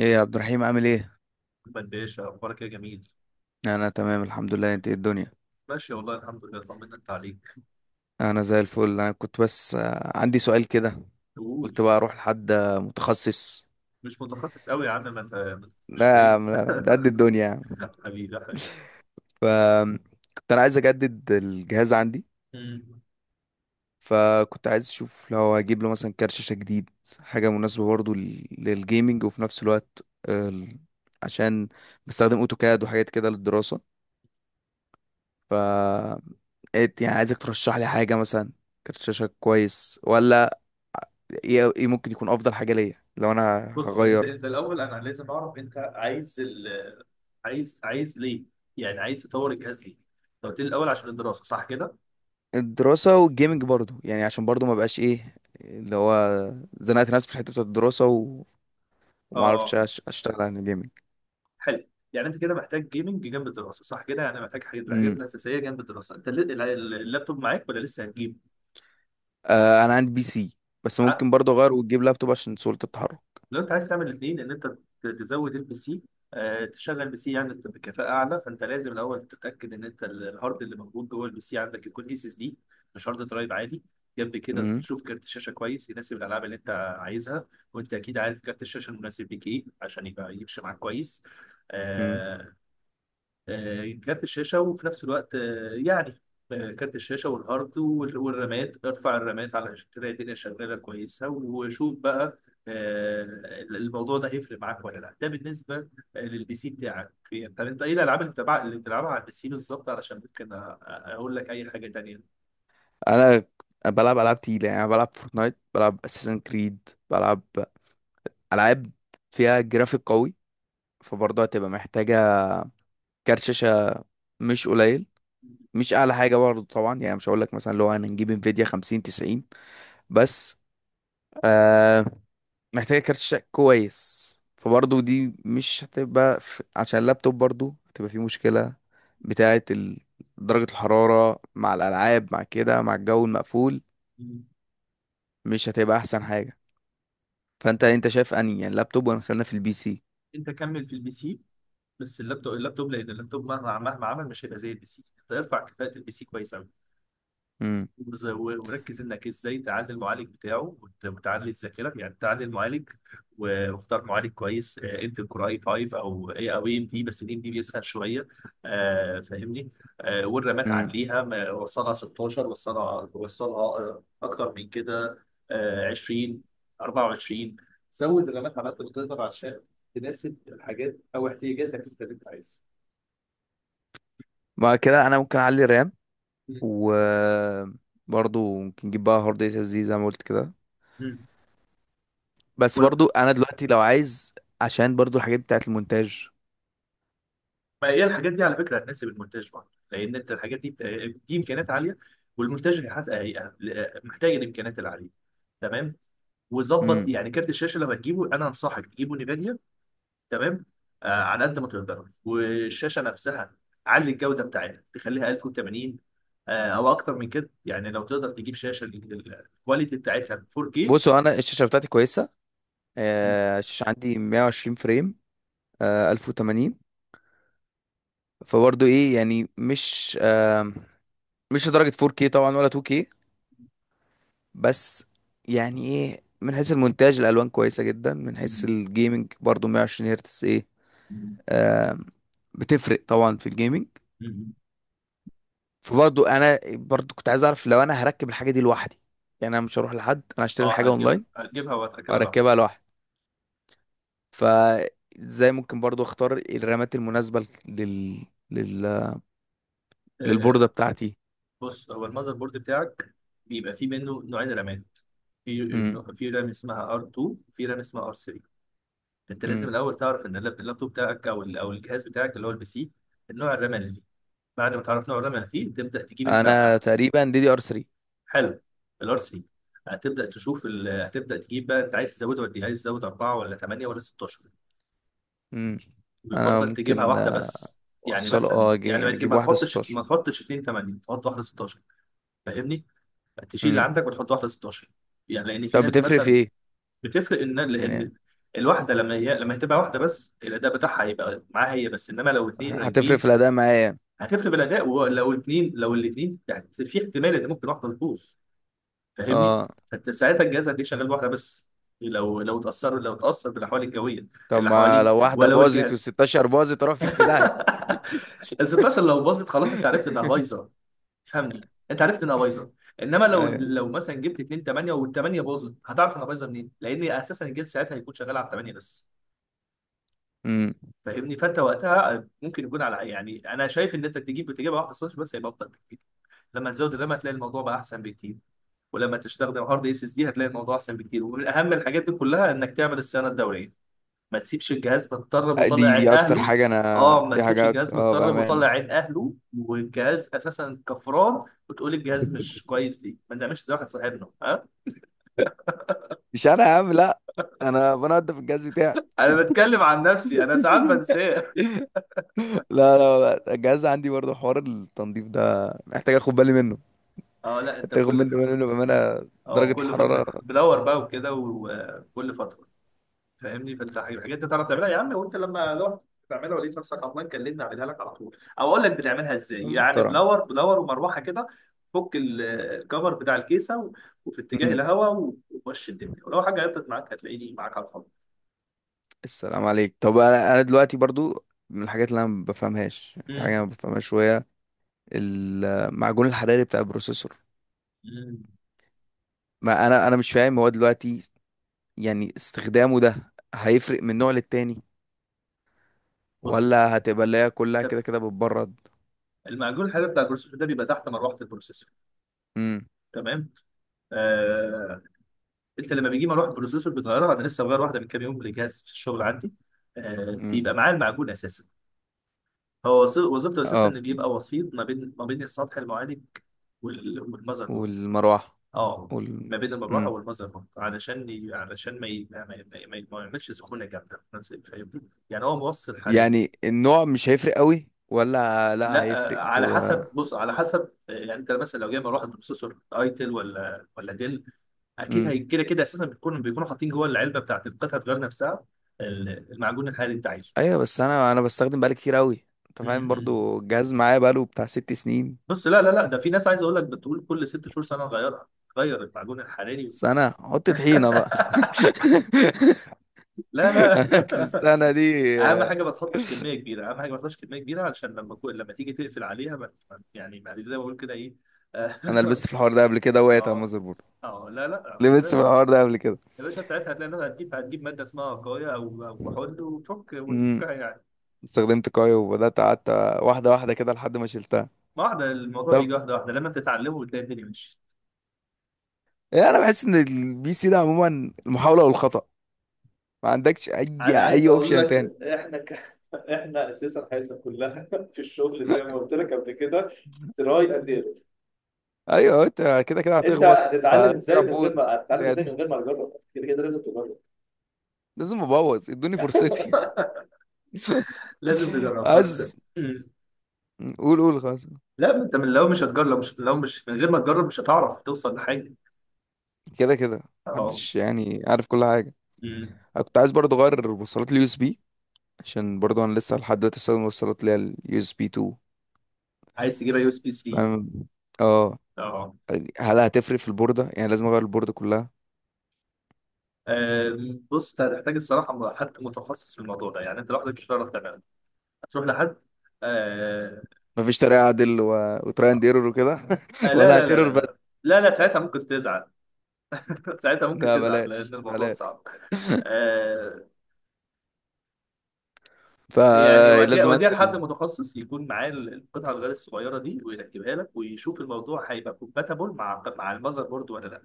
ايه يا عبد الرحيم، عامل ايه؟ محمد باشا اخبارك إيه يا جميل؟ انا تمام، الحمد لله. انت إيه الدنيا؟ ماشي والله، الحمد لله، طمنا انت عليك. انا زي الفل. انا كنت بس عندي سؤال كده. قول. قلت بقى اروح لحد متخصص. مش متخصص قوي يا عم، ما انت ما تفكش لا يا فيا. عم، لا، ده قد الدنيا يعني. حبيبي يا حبيبي. ف كنت انا عايز اجدد الجهاز عندي. أمم. فكنت عايز اشوف لو اجيب له مثلا كارت شاشه جديد، حاجه مناسبه برضو للجيمنج، وفي نفس الوقت ال- عشان بستخدم اوتوكاد وحاجات كده للدراسه. ف إيه يعني، عايزك ترشح لي حاجه، مثلا كارت شاشه كويس ولا ايه؟ ايه ممكن يكون افضل حاجه ليا لو انا بص، طيب، انت هغير؟ انت الاول، انا لازم اعرف انت عايز عايز ليه؟ يعني عايز تطور الجهاز ليه؟ انت قلت لي الاول عشان الدراسه، صح كده؟ الدراسه والجيمنج برضو يعني، عشان برضو ما بقاش ايه اللي هو، زنقت نفسي في الحته بتاعت الدراسه و... اه، وما عرفتش اه، اشتغل عن الجيمنج. حلو. يعني انت كده محتاج جيمنج جنب الدراسه، صح كده؟ يعني محتاج الحاجات امم الاساسيه جنب الدراسه. انت اللابتوب معاك ولا لسه هتجيب؟ آه، انا عندي بي سي، بس ممكن برضو اغير واجيب لابتوب عشان سهوله التحرك. لو انت عايز تعمل الاثنين، ان انت تزود البي سي، تشغل بي سي يعني بكفاءه اعلى، فانت لازم الاول تتاكد ان انت الهارد اللي موجود جوه البي سي عندك يكون اس اس دي، مش هارد درايف عادي. جنب كده امم تشوف كارت الشاشه كويس، يناسب الالعاب اللي انت عايزها. وانت اكيد عارف كارت الشاشه المناسب ليك ايه، عشان يبقى يمشي معاك كويس. امم آه، كارت الشاشة وفي نفس الوقت، يعني، كارت الشاشة والهارد والرامات. ارفع الرامات على تلاقي الدنيا شغالة كويسة، وشوف بقى. آه، الموضوع ده هيفرق معاك ولا لا؟ ده بالنسبة للبي سي بتاعك. يعني طب انت ايه الالعاب اللي بتلعبها على البي سي بالظبط، علشان ممكن اقول لك اي حاجة تانية. انا بلعب العاب تقيله، يعني أنا بلعب فورتنايت، بلعب اساسن كريد، بلعب العاب فيها جرافيك قوي. فبرضه هتبقى محتاجه كارت شاشه مش قليل، مش اعلى حاجه برضه طبعا، يعني مش هقول لك مثلا لو انا نجيب انفيديا 50 90، بس آه محتاجه كارت شاشة كويس. فبرضه دي مش هتبقى في... عشان اللابتوب برضه هتبقى فيه مشكله بتاعه ال... درجه الحراره مع الالعاب، مع كده، مع الجو المقفول. مم. مش هتبقى احسن حاجه. فانت شايف اني يعني اللابتوب، ولا خلينا في البي سي؟ انت كمل في البي سي، بس اللابتوب لان اللابتوب مهما عمل مش هيبقى زي البي سي. انت ارفع كفاءة البي سي كويس، امم وركز انك ازاي تعلي المعالج بتاعه، وتعلي الذاكره. يعني تعلي المعالج، واختار معالج كويس، انتل كور اي 5 او اي او ام دي، بس الام دي بيسخن شويه. فاهمني. والرامات امم عليها وصلها 16، وصلها اكتر من كده. 20، 24، زود الرامات على قد ما تقدر عشان تناسب الحاجات او احتياجاتك انت اللي انت عايزها. بعد كده انا ممكن اعلي رام، و برضه ممكن نجيب بقى هارد اس اس دي زي ما قلت كده. مم. بس برضو انا دلوقتي لو عايز، عشان برضو الحاجات بتاعت المونتاج. ما هي الحاجات دي على فكره هتناسب المونتاج برضه، لان انت الحاجات دي دي امكانيات عاليه، والمونتاج محتاج الامكانيات العاليه. تمام. وظبط، امم يعني كارت الشاشه لو هتجيبه انا انصحك تجيبه نيفيديا. تمام. آه، على قد ما تقدر. والشاشه نفسها، علي الجوده بتاعتها تخليها 1080، آه او اكتر من كده. يعني لو تقدر تجيب شاشه الكواليتي بتاعتها 4K. بصوا، انا الشاشه بتاعتي كويسه. م- الشاشه عندي 120 فريم، 1080. فبرضو ايه يعني، مش لدرجه 4K طبعا، ولا 2K. بس يعني ايه، من حيث المونتاج الالوان كويسه جدا، من حيث م- الجيمنج برضو 120 هرتز ايه. م- آه، بتفرق طبعا في الجيمنج. م- فبرضو انا كنت عايز اعرف لو انا هركب الحاجه دي لوحدي. يعني انا مش هروح لحد، انا هشتري اه، الحاجه هتجيبها اونلاين هتجيبها وهتركبها لوحدك. واركبها لوحدي. فازاي ممكن برضو اختار الرمات المناسبة لل... للبوردة آه، بتاعتي؟ بص، هو المذر بورد بتاعك بيبقى فيه منه نوعين رامات. امم في في رام اسمها R2، وفي رام اسمها R3. انت امم لازم الاول تعرف ان اللابتوب بتاعك او الجهاز بتاعك اللي هو البي سي، النوع الرام اللي فيه. بعد ما تعرف نوع الرام اللي فيه تبدا تجيب انت انا تقريبا دي دي ار 3. حلو. الار 3، هتبدا تشوف هتبدا تجيب بقى، انت عايز تزود ولا عايز تزود 4 ولا 8 ولا 16؟ امم انا بيفضل تجيبها ممكن واحده بس. يعني اوصله مثلا، اه، يعني ما يعني تجيب اجيب ما واحدة تحطش 16. ما تحطش 2 8، تحط واحده 16. فاهمني؟ يعني تشيل اللي امم عندك وتحط واحده 16. يعني لان في طب ناس بتفرق في مثلا ايه بتفرق، ان يعني، لان الواحده لما هتبقى واحده بس، الاداء بتاعها هيبقى معاها هي بس، انما لو اتنين هتفرق راكبين في الاداء معايا يعني؟ هتفرق بالاداء. ولو اتنين، لو الاتنين، يعني في احتمال ان ممكن واحده تبوظ. فاهمني؟ اه. فانت ساعتها الجهاز هتلاقيه شغال بواحده بس، لو اتاثر بالاحوال الجويه طب اللي ما حواليه. لو واحدة ولو باظت الجهاز و16 باظت اروح فيك في داهية. ال 16 لو باظت، خلاص، انت عرفت انها بايظه. فهمني، انت عرفت انها بايظه. انما لو ايوه. لو مثلا جبت 2 8، وال 8 باظت، هتعرف انها بايظه منين، لان اساسا الجهاز ساعتها هيكون شغال على 8 بس. امم فاهمني؟ فانت وقتها ممكن يكون على، يعني انا شايف ان انت تجيب، بتجيبها واحده صفر بس هيبقى افضل بكتير. لما تزود الرام هتلاقي الموضوع بقى احسن بكتير، ولما تستخدم هارد اس اس دي هتلاقي الموضوع احسن بكتير. ومن اهم الحاجات دي كلها انك تعمل الصيانه الدوريه، ما تسيبش الجهاز متطرب وطالع دي عين دي اكتر اهله. حاجة، انا اه، ما دي تسيبش حاجة الجهاز اه متطرب وطالع بأمانة. عين اهله، والجهاز اساسا كفران. وتقول الجهاز مش كويس ليه؟ ما تعملش زي واحد صاحبنا، ها. مش انا يا عم لا، انا بنضف الجهاز. انا بتكلم عن نفسي، انا ساعات بنساه. لا لا لا، الجهاز عندي برضه حوار التنظيف ده محتاج اخد بالي منه، اه، لا، انت محتاج اخد كل منه فتره، منه بامانه. درجه اه كل الحراره فتره بلور بقى وكده، وكل فتره. فاهمني؟ فانت الحاجات دي تعرف تعملها يا عم، وانت لو تعملها ولقيت نفسك عطلان كلمني اعملها لك على طول، او اقول لك بتعملها ازاي. يعني محترمه. بلور بلور ومروحه كده، فك الكفر بتاع الكيسه وفي اتجاه مم. الهواء. ومشي الدنيا، ولو حاجه عطلت معاك هتلاقيني معاك على الفاضي. السلام عليك. طب انا دلوقتي برضو، من الحاجات اللي انا ما بفهمهاش، في حاجه ما مم. بفهمهاش شويه: المعجون الحراري بتاع البروسيسور. مم. ما انا مش فاهم، هو دلوقتي يعني استخدامه ده هيفرق من نوع للتاني، بص، ولا هتبقى اللي هي كلها طب، كده كده بتبرد؟ المعجون الحراري بتاع البروسيسور ده بيبقى تحت مروحه البروسيسور. امم تمام. آه، انت لما بيجي مروحه البروسيسور بتغيرها، انا لسه مغير واحده من كام يوم لجهاز في الشغل عندي. امم بيبقى معاه المعجون اساسا. هو وظيفته اساسا اه، ان بيبقى وسيط ما بين، السطح المعالج والمذر بورد. والمروحه اه، ما وال بين المروحه مم. والمذر بورد علشان ي... علشان ما ي... ما, ما, ما ما يعملش سخونه جامده في فاهمني، يعني هو موصل حراري. يعني النوع مش هيفرق قوي ولا لا لا، هيفرق، على و... حسب، بص على حسب، يعني انت مثلا لو جاي مروحه بروسيسور ايتل ولا ديل، اكيد مم. هي كده كده اساسا بيكونوا حاطين جوه العلبه بتاعت القطعه الغيار نفسها المعجون الحراري اللي انت عايزه. ايوه، بس انا بستخدم بقالي كتير قوي، انت م- فاهم م. برضو، الجهاز معايا بقاله بتاع 6 سنين. بص، لا، لا، لا، ده في ناس، عايز اقول لك، بتقول كل 6 شهور سنه نغيرها، غير المعجون الحراري. بس انا حط طحينه بقى. لا، لا. أنا السنه دي، اهم حاجه ما تحطش كميه كبيره، اهم حاجه ما تحطش كميه كبيره، علشان لما لما تيجي تقفل عليها يعني ما زي ما بقول كده ايه. انا لبست في الحوار ده قبل كده، وقعت على اه، المذر بورد. اه، لا، لا، خد لبست في بالك الحوار ده قبل كده. يا باشا. ساعتها هتلاقي انها هتجيب ماده اسمها وقايه او كحول، امم وتفكها يعني استخدمت كايو وبدات، قعدت واحده واحده كده لحد ما شلتها. واحده. الموضوع بيجي طب واحده واحده، لما بتتعلمه بتلاقي الدنيا ماشيه. إيه، انا بحس ان البي سي ده عموما المحاوله والخطا، ما عندكش اي انا عايز اي اقول اوبشن لك احنا احنا اساسا حياتنا كلها في الشغل زي ما قلت لك قبل كده، تاني؟ تراي اند ايرور. ايوه، انت كده كده انت هتخبط، هتتعلم ازاي فجرب من بود، غير ما هتتعلم ازاي من يعني غير ما تجرب؟ كده كده لازم تجرب. لازم ابوظ ادوني فرصتي. لازم تجرب، فانت. عايز، مم. قول قول خلاص. لا، ما انت من لو مش هتجرب، لو مش من غير ما تجرب، مش هتعرف توصل لحاجه. كده كده اه. محدش يعني عارف كل حاجه. مم. انا كنت عايز برضه اغير وصلات اليو اس بي، عشان برضه انا لسه لحد دلوقتي بستخدم وصلات اللي هي اليو اس بي 2. عايز تجيبها يو اس بي سي. فاهم اه. اه. هل هتفرق في البورده، يعني لازم اغير البورده كلها؟ بص انت هتحتاج الصراحه، حد متخصص في الموضوع ده، يعني انت لوحدك مش هتعرف تعملها، هتروح لحد. آه، مفيش طريقه اعدل و... وتراي اند ايرور وكده لا، ولا لا، لا، لا، هتيرور لا، بس؟ لا، لا، ساعتها ممكن تزعل. ساعتها ممكن لا تزعل لأن بلاش الموضوع بلاش. صعب. آه. يعني وديها، فلازم وديها لحد انزل. متخصص يكون معاه القطعة الغيار الصغيرة دي ويركبها لك، ويشوف الموضوع هيبقى كومباتبل مع المذر بورد ولا لا.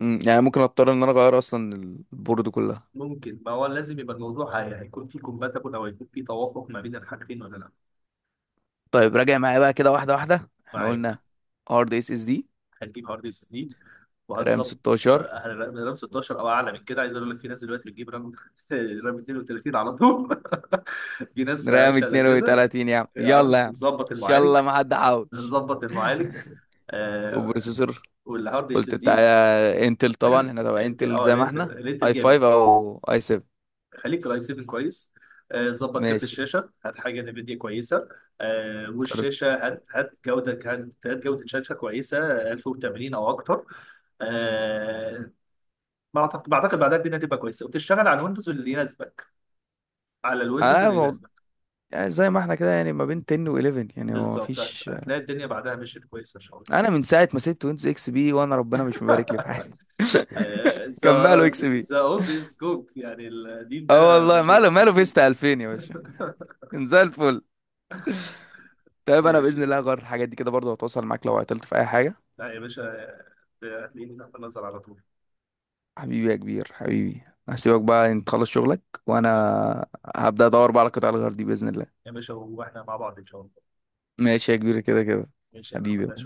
مم، يعني ممكن اضطر ان انا اغير اصلا البورد كلها؟ ممكن، ما هو لازم يبقى الموضوع هيكون فيه كومباتبل أو هيكون فيه توافق ما بين الحاجتين ولا لا. طيب راجع معايا بقى كده واحده واحده، احنا معاك. قلنا: هارد اس اس دي، هتجيب هارد اس اس دي رام وهتظبط. 16، رام 16 او اعلى من كده، عايز اقول لك في ناس دلوقتي بتجيب رام رام 32 على طول. في ناس رام عايشه على كده. 32 يا عم، يا يلا عم يا عم، نظبط المعالج، يلا ما حد حوش. نظبط المعالج. آه، وبروسيسور. والهارد اس قلت اس بتاع دي. انتل طبعا، احنا تبع انت انتل اه زي ما الانت احنا. الانت اي الجامد، 5 او اي 7، خليك الاي 7 كويس. ظبط كارت ماشي. الشاشه، هات حاجه نفيديا كويسه. آه، كارت، والشاشه هات جوده، هات جوده، شاشه كويسه 1080 او اكتر. آه، بعتقد بعدها الدنيا هتبقى كويسه وتشتغل على الويندوز اللي يناسبك، على الويندوز انا اللي يناسبك. يعني زي ما احنا كده، يعني ما بين 10 و11 يعني، هو بالظبط، مفيش. هتلاقي الدنيا بعدها مشيت كويسه ان شاء الله. انا من ساعه ما سبت ويندوز اكس بي وانا ربنا مش مبارك لي في حاجه. ذا كملوا اكس بي. ذا اولد از جولد، يعني القديم اه، ده والله مشيت. ماله ماله، فيستا 2000 يا باشا، كان زي الفل. طيب انا إيش- باذن الله هغير الحاجات دي كده، برضه هتواصل معاك لو عطلت في اي حاجه. لا يا باشا، هتلاقيني تحت النظر على طول. حبيبي يا كبير، حبيبي. هسيبك بقى انت تخلص شغلك، وانا هبدا ادور بقى على قطع الغيار دي باذن الله. يا باشا واحنا مع بعض ان شاء الله. ماشي يا كبير، كده كده. ماشي يا محمد. حبيبي.